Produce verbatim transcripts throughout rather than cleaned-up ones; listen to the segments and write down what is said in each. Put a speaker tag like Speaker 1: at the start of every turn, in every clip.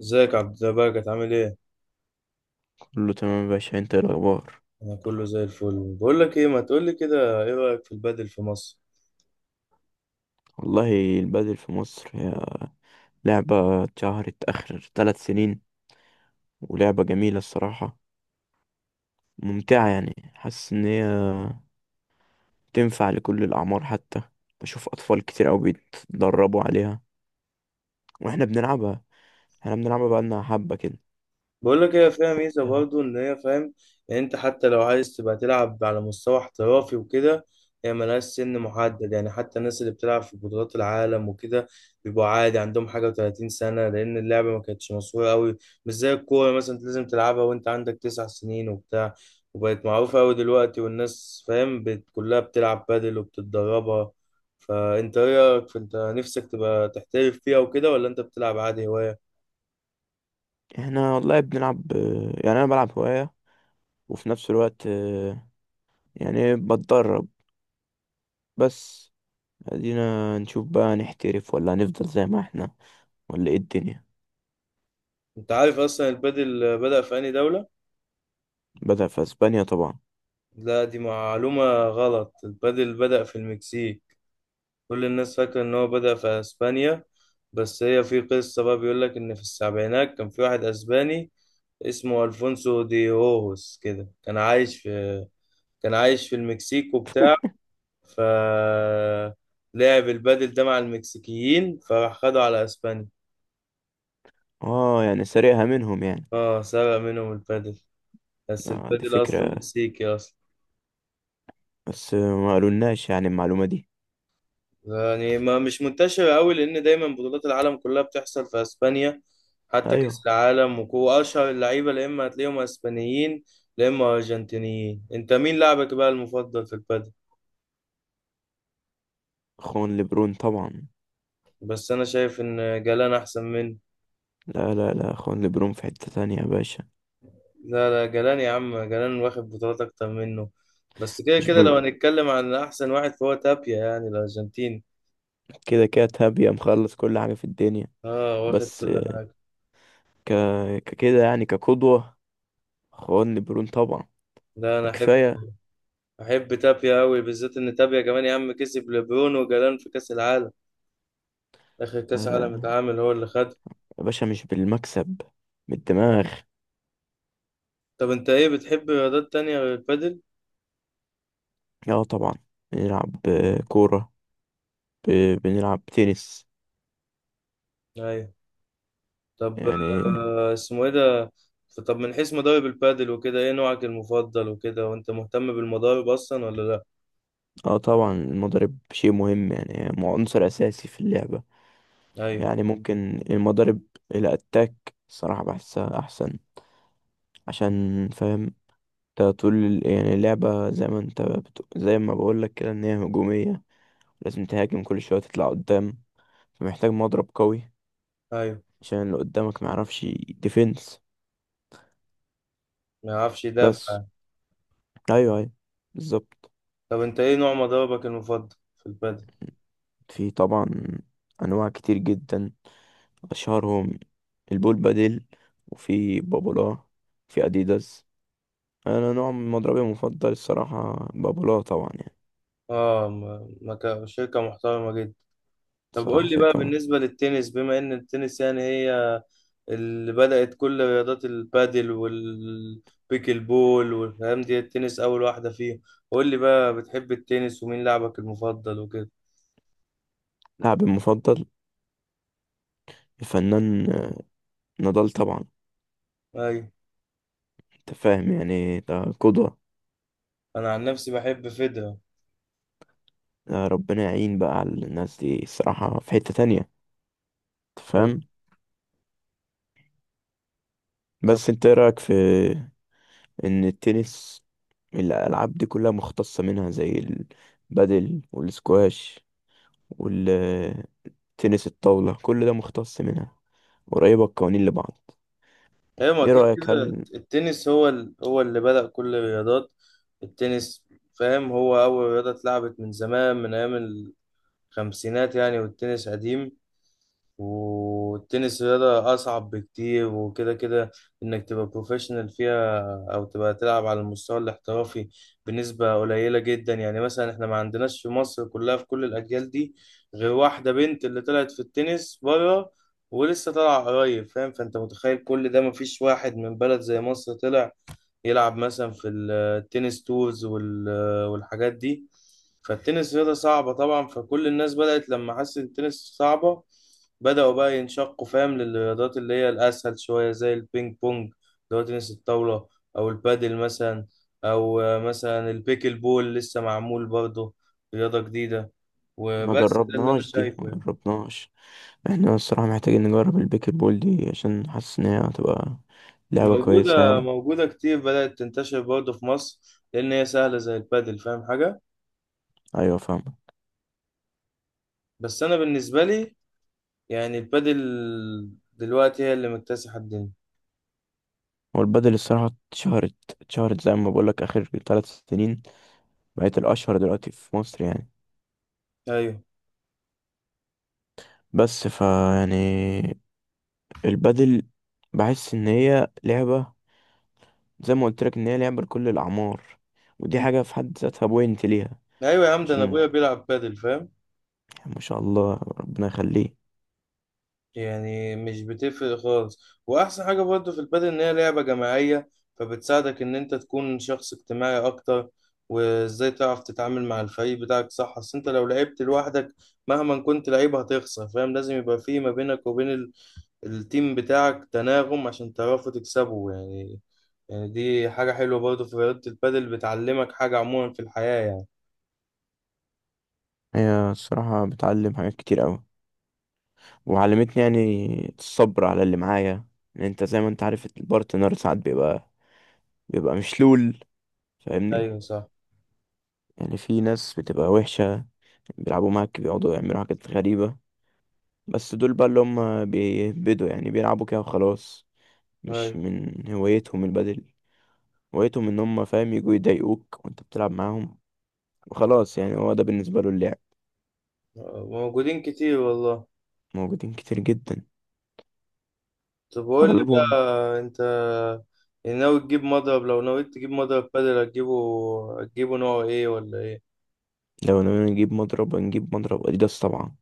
Speaker 1: ازيك يا عبد الزباق؟ عامل ايه؟
Speaker 2: كله تمام يا باشا، انت ايه الاخبار؟
Speaker 1: انا كله زي الفل. بقول لك ايه، ما تقول لي كده، ايه رأيك في البادل في مصر؟
Speaker 2: والله، البادل في مصر هي لعبة اتشهرت اخر ثلاث سنين، ولعبة جميلة الصراحة، ممتعة. يعني حاسس ان هي تنفع لكل الاعمار. حتى بشوف اطفال كتير اوي بيتدربوا عليها. واحنا بنلعبها احنا بنلعبها بقالنا حبة كده.
Speaker 1: بقول لك هي فيها ميزة
Speaker 2: تمام.
Speaker 1: برضو، إن هي فاهم يعني، أنت حتى لو عايز تبقى تلعب على مستوى احترافي وكده، هي ملهاش سن محدد. يعني حتى الناس اللي بتلعب في بطولات العالم وكده بيبقوا عادي عندهم حاجة و30 سنة، لأن اللعبة ما كانتش مشهورة أوي. مش زي الكورة مثلا، أنت لازم تلعبها وأنت عندك تسع سنين وبتاع. وبقت معروفة أوي دلوقتي والناس فاهم بت- كلها بتلعب بادل وبتتدربها. فأنت إيه رأيك في أنت نفسك تبقى تحترف فيها وكده، ولا أنت بتلعب عادي هواية؟
Speaker 2: احنا والله بنلعب اه، يعني انا بلعب هواية، وفي نفس الوقت، اه، يعني بتدرب. بس ادينا نشوف بقى، نحترف ولا هنفضل زي ما احنا، ولا ايه الدنيا.
Speaker 1: انت عارف اصلا البادل بدأ في انهي دولة؟
Speaker 2: بدأ في اسبانيا طبعا.
Speaker 1: لا، دي معلومة غلط. البادل بدأ في المكسيك. كل الناس فاكرة ان هو بدأ في اسبانيا، بس هي في قصة بقى، بيقول لك ان في السبعينات كان في واحد اسباني اسمه الفونسو دي هوهوس كده، كان عايش في كان عايش في المكسيك وبتاع. ف لعب البادل ده مع المكسيكيين، فراح خدوا على اسبانيا.
Speaker 2: اه، يعني سرقها منهم يعني.
Speaker 1: اه، سرق منهم البادل، بس
Speaker 2: آه ده
Speaker 1: البادل اصلا
Speaker 2: فكرة،
Speaker 1: مكسيكي اصلا.
Speaker 2: بس ما قالولناش يعني المعلومة دي.
Speaker 1: يعني ما مش منتشرة قوي، لأن دايما بطولات العالم كلها بتحصل في أسبانيا، حتى
Speaker 2: ايوه،
Speaker 1: كأس العالم. وكو أشهر اللعيبة، يا إما هتلاقيهم أسبانيين يا إما أرجنتينيين. أنت مين لاعبك بقى المفضل في البادل؟
Speaker 2: اخوان لبرون طبعا.
Speaker 1: بس أنا شايف إن جلان أحسن منه.
Speaker 2: لا لا لا، اخوان لبرون في حتة تانية يا باشا.
Speaker 1: لا لا، جلان يا عم، جلان واخد بطولات أكتر منه. بس كده
Speaker 2: مش
Speaker 1: كده
Speaker 2: بل...
Speaker 1: لو هنتكلم عن أحسن واحد، فهو تابيا يعني الأرجنتيني.
Speaker 2: كده كده تابية مخلص كل حاجة في الدنيا.
Speaker 1: آه، واخد
Speaker 2: بس
Speaker 1: كل
Speaker 2: آه،
Speaker 1: حاجة.
Speaker 2: ك... ككده، يعني كقدوة، اخوان لبرون طبعا،
Speaker 1: لا، أنا
Speaker 2: ده
Speaker 1: أحب،
Speaker 2: كفاية.
Speaker 1: أحب تابيا أوي، بالذات إن تابيا كمان يا عم كسب لبرون وجلان في كأس العالم. آخر
Speaker 2: لا
Speaker 1: كأس
Speaker 2: لا
Speaker 1: عالم
Speaker 2: لا
Speaker 1: اتعمل هو اللي خد.
Speaker 2: يا باشا، مش بالمكسب، بالدماغ.
Speaker 1: طب أنت إيه بتحب رياضات تانية غير البادل؟
Speaker 2: اه طبعا، بنلعب آه، كورة، ب... بنلعب تنس
Speaker 1: أيوة. طب
Speaker 2: يعني.
Speaker 1: آه، اسمه إيه ده؟ طب من حيث مضارب البادل وكده، إيه نوعك المفضل وكده؟ وأنت مهتم بالمضارب أصلا ولا لأ؟
Speaker 2: اه طبعا، المضارب شيء مهم. يعني مو- عنصر اساسي في اللعبة.
Speaker 1: أيوة.
Speaker 2: يعني ممكن المضارب الاتاك الصراحة بحسها احسن، عشان فاهم انت طول ال- يعني اللعبة، زي ما انت بتق... زي ما بقولك كده، ان هي هجومية، لازم تهاجم كل شوية، تطلع قدام، فمحتاج مضرب قوي،
Speaker 1: أيوة،
Speaker 2: عشان اللي قدامك معرفش ديفنس.
Speaker 1: ما يعرفش يدافع
Speaker 2: بس
Speaker 1: يعني.
Speaker 2: ايوه ايوه، بالظبط.
Speaker 1: طب أنت إيه نوع مضاربك المفضل في البادل؟
Speaker 2: في طبعا انواع كتير جدا، أشهرهم البول بادل، وفي بابولا، في أديداس. أنا نوع من مضربي المفضل الصراحة بابولا طبعا يعني،
Speaker 1: آه، م- مكا- شركة محترمة جدا. طب
Speaker 2: صراحة
Speaker 1: قول لي بقى
Speaker 2: شركة ما.
Speaker 1: بالنسبة للتنس، بما إن التنس يعني هي اللي بدأت كل رياضات البادل والبيكل بول والكلام دي، التنس أول واحدة فيهم. قول لي بقى، بتحب التنس؟ ومين لاعبك المفضل وكده؟
Speaker 2: لاعبي المفضل الفنان آه، نضال طبعا.
Speaker 1: أيوة.
Speaker 2: أنت فاهم، يعني ده قدوة.
Speaker 1: أنا عن نفسي بحب فيدرر.
Speaker 2: ده ربنا يعين بقى على الناس دي الصراحة، في حتة تانية أنت
Speaker 1: أيوة.
Speaker 2: فاهم.
Speaker 1: طب.
Speaker 2: بس أنت إيه رأيك في إن التنس، الألعاب دي كلها مختصة منها، زي البادل والسكواش، تنس الطاولة كل ده مختص منها، قريبة القوانين لبعض.
Speaker 1: أيوة، ما
Speaker 2: ايه
Speaker 1: كده
Speaker 2: رأيك
Speaker 1: كده
Speaker 2: هل،
Speaker 1: التنس هو ال... هو اللي بدأ كل الرياضات. التنس فاهم هو أول رياضة اتلعبت من زمان، من أيام الخمسينات يعني، والتنس قديم. والتنس رياضة أصعب بكتير، وكده كده إنك تبقى بروفيشنال فيها أو تبقى تلعب على المستوى الاحترافي بنسبة قليلة جدا. يعني مثلا إحنا ما عندناش في مصر كلها، في كل الأجيال دي، غير واحدة بنت اللي طلعت في التنس بره، ولسه طالعة قريب فاهم. فأنت متخيل كل ده مفيش واحد من بلد زي مصر طلع يلعب مثلا في التنس تورز وال- والحاجات دي. فالتنس رياضة صعبة طبعا، فكل الناس بدأت لما حست التنس صعبة بدأوا بقى ينشقوا فاهم للرياضات اللي هي الأسهل شوية، زي البينج بونج اللي هو تنس الطاولة، أو البادل مثلا، أو آه، مثلا البيكل بول لسه معمول برضه، رياضة جديدة.
Speaker 2: ما
Speaker 1: وبس ده اللي أنا
Speaker 2: جربناهاش دي ما
Speaker 1: شايفه يعني.
Speaker 2: جربناهاش، احنا الصراحة محتاجين نجرب البيكر بول دي، عشان حاسس ان هي هتبقى لعبة كويسة
Speaker 1: موجودة،
Speaker 2: يعني.
Speaker 1: موجودة كتير، بدأت تنتشر برضه في مصر، لأن هي سهلة زي البادل. فاهم حاجة؟
Speaker 2: ايوه، فاهمة.
Speaker 1: بس أنا بالنسبة لي يعني، البادل دلوقتي هي اللي مكتسحة الدنيا.
Speaker 2: هو البدل الصراحة اتشهرت اتشهرت زي ما بقولك اخر ثلاث سنين، بقت الاشهر دلوقتي في مصر يعني.
Speaker 1: ايوه.
Speaker 2: بس فا يعني البدل، بحس ان هي لعبة زي ما قلت لك، ان هي لعبة لكل الاعمار، ودي حاجة في حد ذاتها بوينت ليها.
Speaker 1: ايوه يا عم، ده انا
Speaker 2: عشان
Speaker 1: ابويا بيلعب بادل فاهم،
Speaker 2: ما شاء الله ربنا يخليه.
Speaker 1: يعني مش بتفرق خالص. واحسن حاجة برضه في البادل ان هي لعبة جماعية، فبتساعدك ان انت تكون شخص اجتماعي اكتر، وازاي تعرف تتعامل مع الفريق بتاعك صح. اصل انت لو لعبت لوحدك مهما كنت لعيب هتخسر فاهم. لازم يبقى في ما بينك وبين ال- التيم بتاعك تناغم، عشان تعرفوا تكسبوا يعني. يعني دي حاجة حلوة برضه في رياضة البادل، بتعلمك حاجة عموما في الحياة يعني.
Speaker 2: هي الصراحة بتعلم حاجات كتير أوي، وعلمتني يعني الصبر على اللي معايا. يعني انت زي ما انت عارف البارتنر ساعات بيبقى بيبقى مشلول، فاهمني.
Speaker 1: ايوه صح.
Speaker 2: يعني في ناس بتبقى وحشة، بيلعبوا معاك، بيقعدوا يعملوا حاجات غريبة. بس دول بقى اللي هم بيهبدوا، يعني بيلعبوا كده وخلاص، مش
Speaker 1: ايوه
Speaker 2: من هوايتهم البدل. هوايتهم ان هم فاهم يجوا يضايقوك وانت بتلعب معاهم، وخلاص يعني هو ده بالنسبة له اللعب.
Speaker 1: موجودين كتير والله.
Speaker 2: موجودين كتير جدا،
Speaker 1: طب قول لي بقى،
Speaker 2: أغلبهم.
Speaker 1: انت يعني ناوي تجيب مضرب؟ لو نويت تجيب مضرب بادل هتجيبه هتجيبه نوع ايه ولا ايه؟
Speaker 2: لو انا نجيب مضرب نجيب مضرب اديداس طبعا.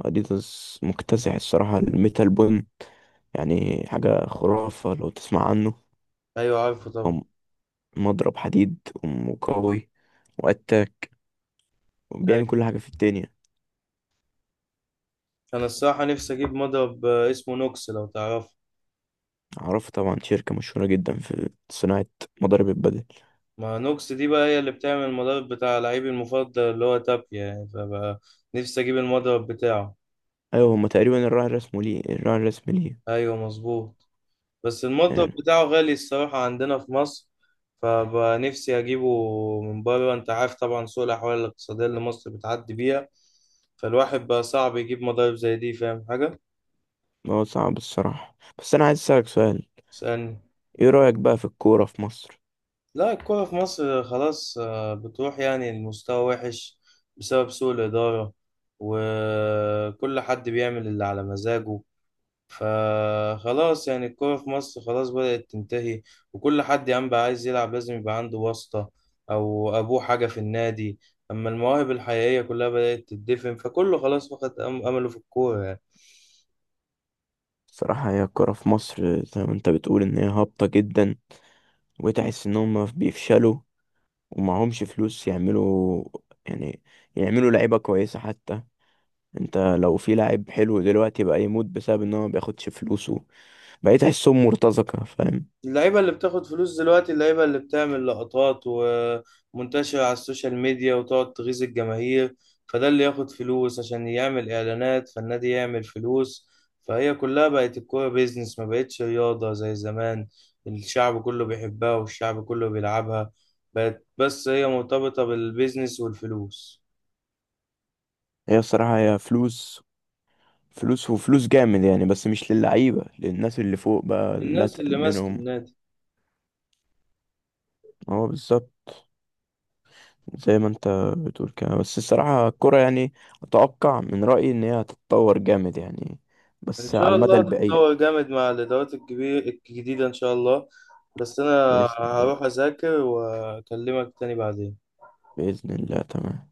Speaker 2: اديداس مكتسح الصراحة، الميتال بون يعني حاجة خرافة لو تسمع عنه.
Speaker 1: ايوه، عارفه طبعا.
Speaker 2: هو مضرب حديد وقوي واتاك، بيعمل
Speaker 1: ايوه.
Speaker 2: كل حاجة في الدنيا.
Speaker 1: انا الصراحه نفسي اجيب مضرب آه، اسمه نوكس، لو تعرفه.
Speaker 2: عرفه طبعا، شركة مشهورة جدا في صناعة مضارب البدل.
Speaker 1: ما نوكس دي بقى هي اللي بتعمل المضرب بتاع لعيبي المفضل اللي هو تابيا يعني، فبقى نفسي اجيب المضرب بتاعه.
Speaker 2: أيوة، هما تقريبا الراعي الرسمي ليه، الراعي الرسمي ليه
Speaker 1: ايوه مظبوط. بس المطبخ
Speaker 2: يعني.
Speaker 1: بتاعه غالي الصراحة عندنا في مصر، فبقى نفسي أجيبه من بره. أنت عارف طبعا سوء الأحوال الاقتصادية اللي مصر بتعدي بيها، فالواحد بقى صعب يجيب مضارب زي دي. فاهم حاجة؟
Speaker 2: هو صعب الصراحة، بس أنا عايز أسألك سؤال.
Speaker 1: اسألني.
Speaker 2: إيه رأيك بقى في الكورة في مصر؟
Speaker 1: لا، الكورة في مصر خلاص آه، بتروح، يعني المستوى وحش بسبب سوء الإدارة، وكل حد بيعمل اللي على مزاجه. فخلاص يعني الكورة في مصر خلاص بدأت تنتهي. وكل حد يا عم بقى عايز يلعب لازم يبقى عنده واسطة أو أبوه حاجة في النادي. أما المواهب الحقيقية كلها بدأت تدفن، فكله خلاص فقد أم- أمله في الكورة يعني.
Speaker 2: الصراحة هي الكورة في مصر زي ما أنت بتقول، إن هي هابطة جدا، وتحس ان هم بيفشلوا، ومعهمش فلوس يعملوا يعني يعملوا لعيبة كويسة حتى. انت لو في لاعب حلو دلوقتي بقى يموت، بسبب ان هو ما بياخدش فلوسه. بقيت احسهم مرتزقة، فاهم.
Speaker 1: اللعيبة اللي بتاخد فلوس دلوقتي اللعيبة اللي بتعمل لقطات ومنتشرة على السوشيال ميديا وتقعد تغيظ الجماهير، فده اللي ياخد فلوس عشان يعمل إعلانات، فالنادي يعمل فلوس. فهي كلها بقت الكورة بيزنس، ما بقتش رياضة زي زمان الشعب كله بيحبها والشعب كله بيلعبها. بقت بس هي مرتبطة بالبيزنس والفلوس.
Speaker 2: هي الصراحة هي فلوس، فلوس وفلوس جامد يعني، بس مش للعيبة، للناس اللي فوق بقى لا
Speaker 1: الناس اللي
Speaker 2: اتقل
Speaker 1: ماسك
Speaker 2: منهم.
Speaker 1: النادي،
Speaker 2: هو بالظبط زي ما انت بتقول كده. بس الصراحة الكرة يعني، أتوقع من رأيي إن هي هتتطور جامد يعني،
Speaker 1: ان
Speaker 2: بس على
Speaker 1: شاء
Speaker 2: المدى
Speaker 1: الله
Speaker 2: البعيد.
Speaker 1: تتطور جامد مع الادارات الكبير الجديده ان شاء الله. بس انا
Speaker 2: بإذن الله،
Speaker 1: هروح اذاكر واكلمك تاني بعدين.
Speaker 2: بإذن الله، تمام.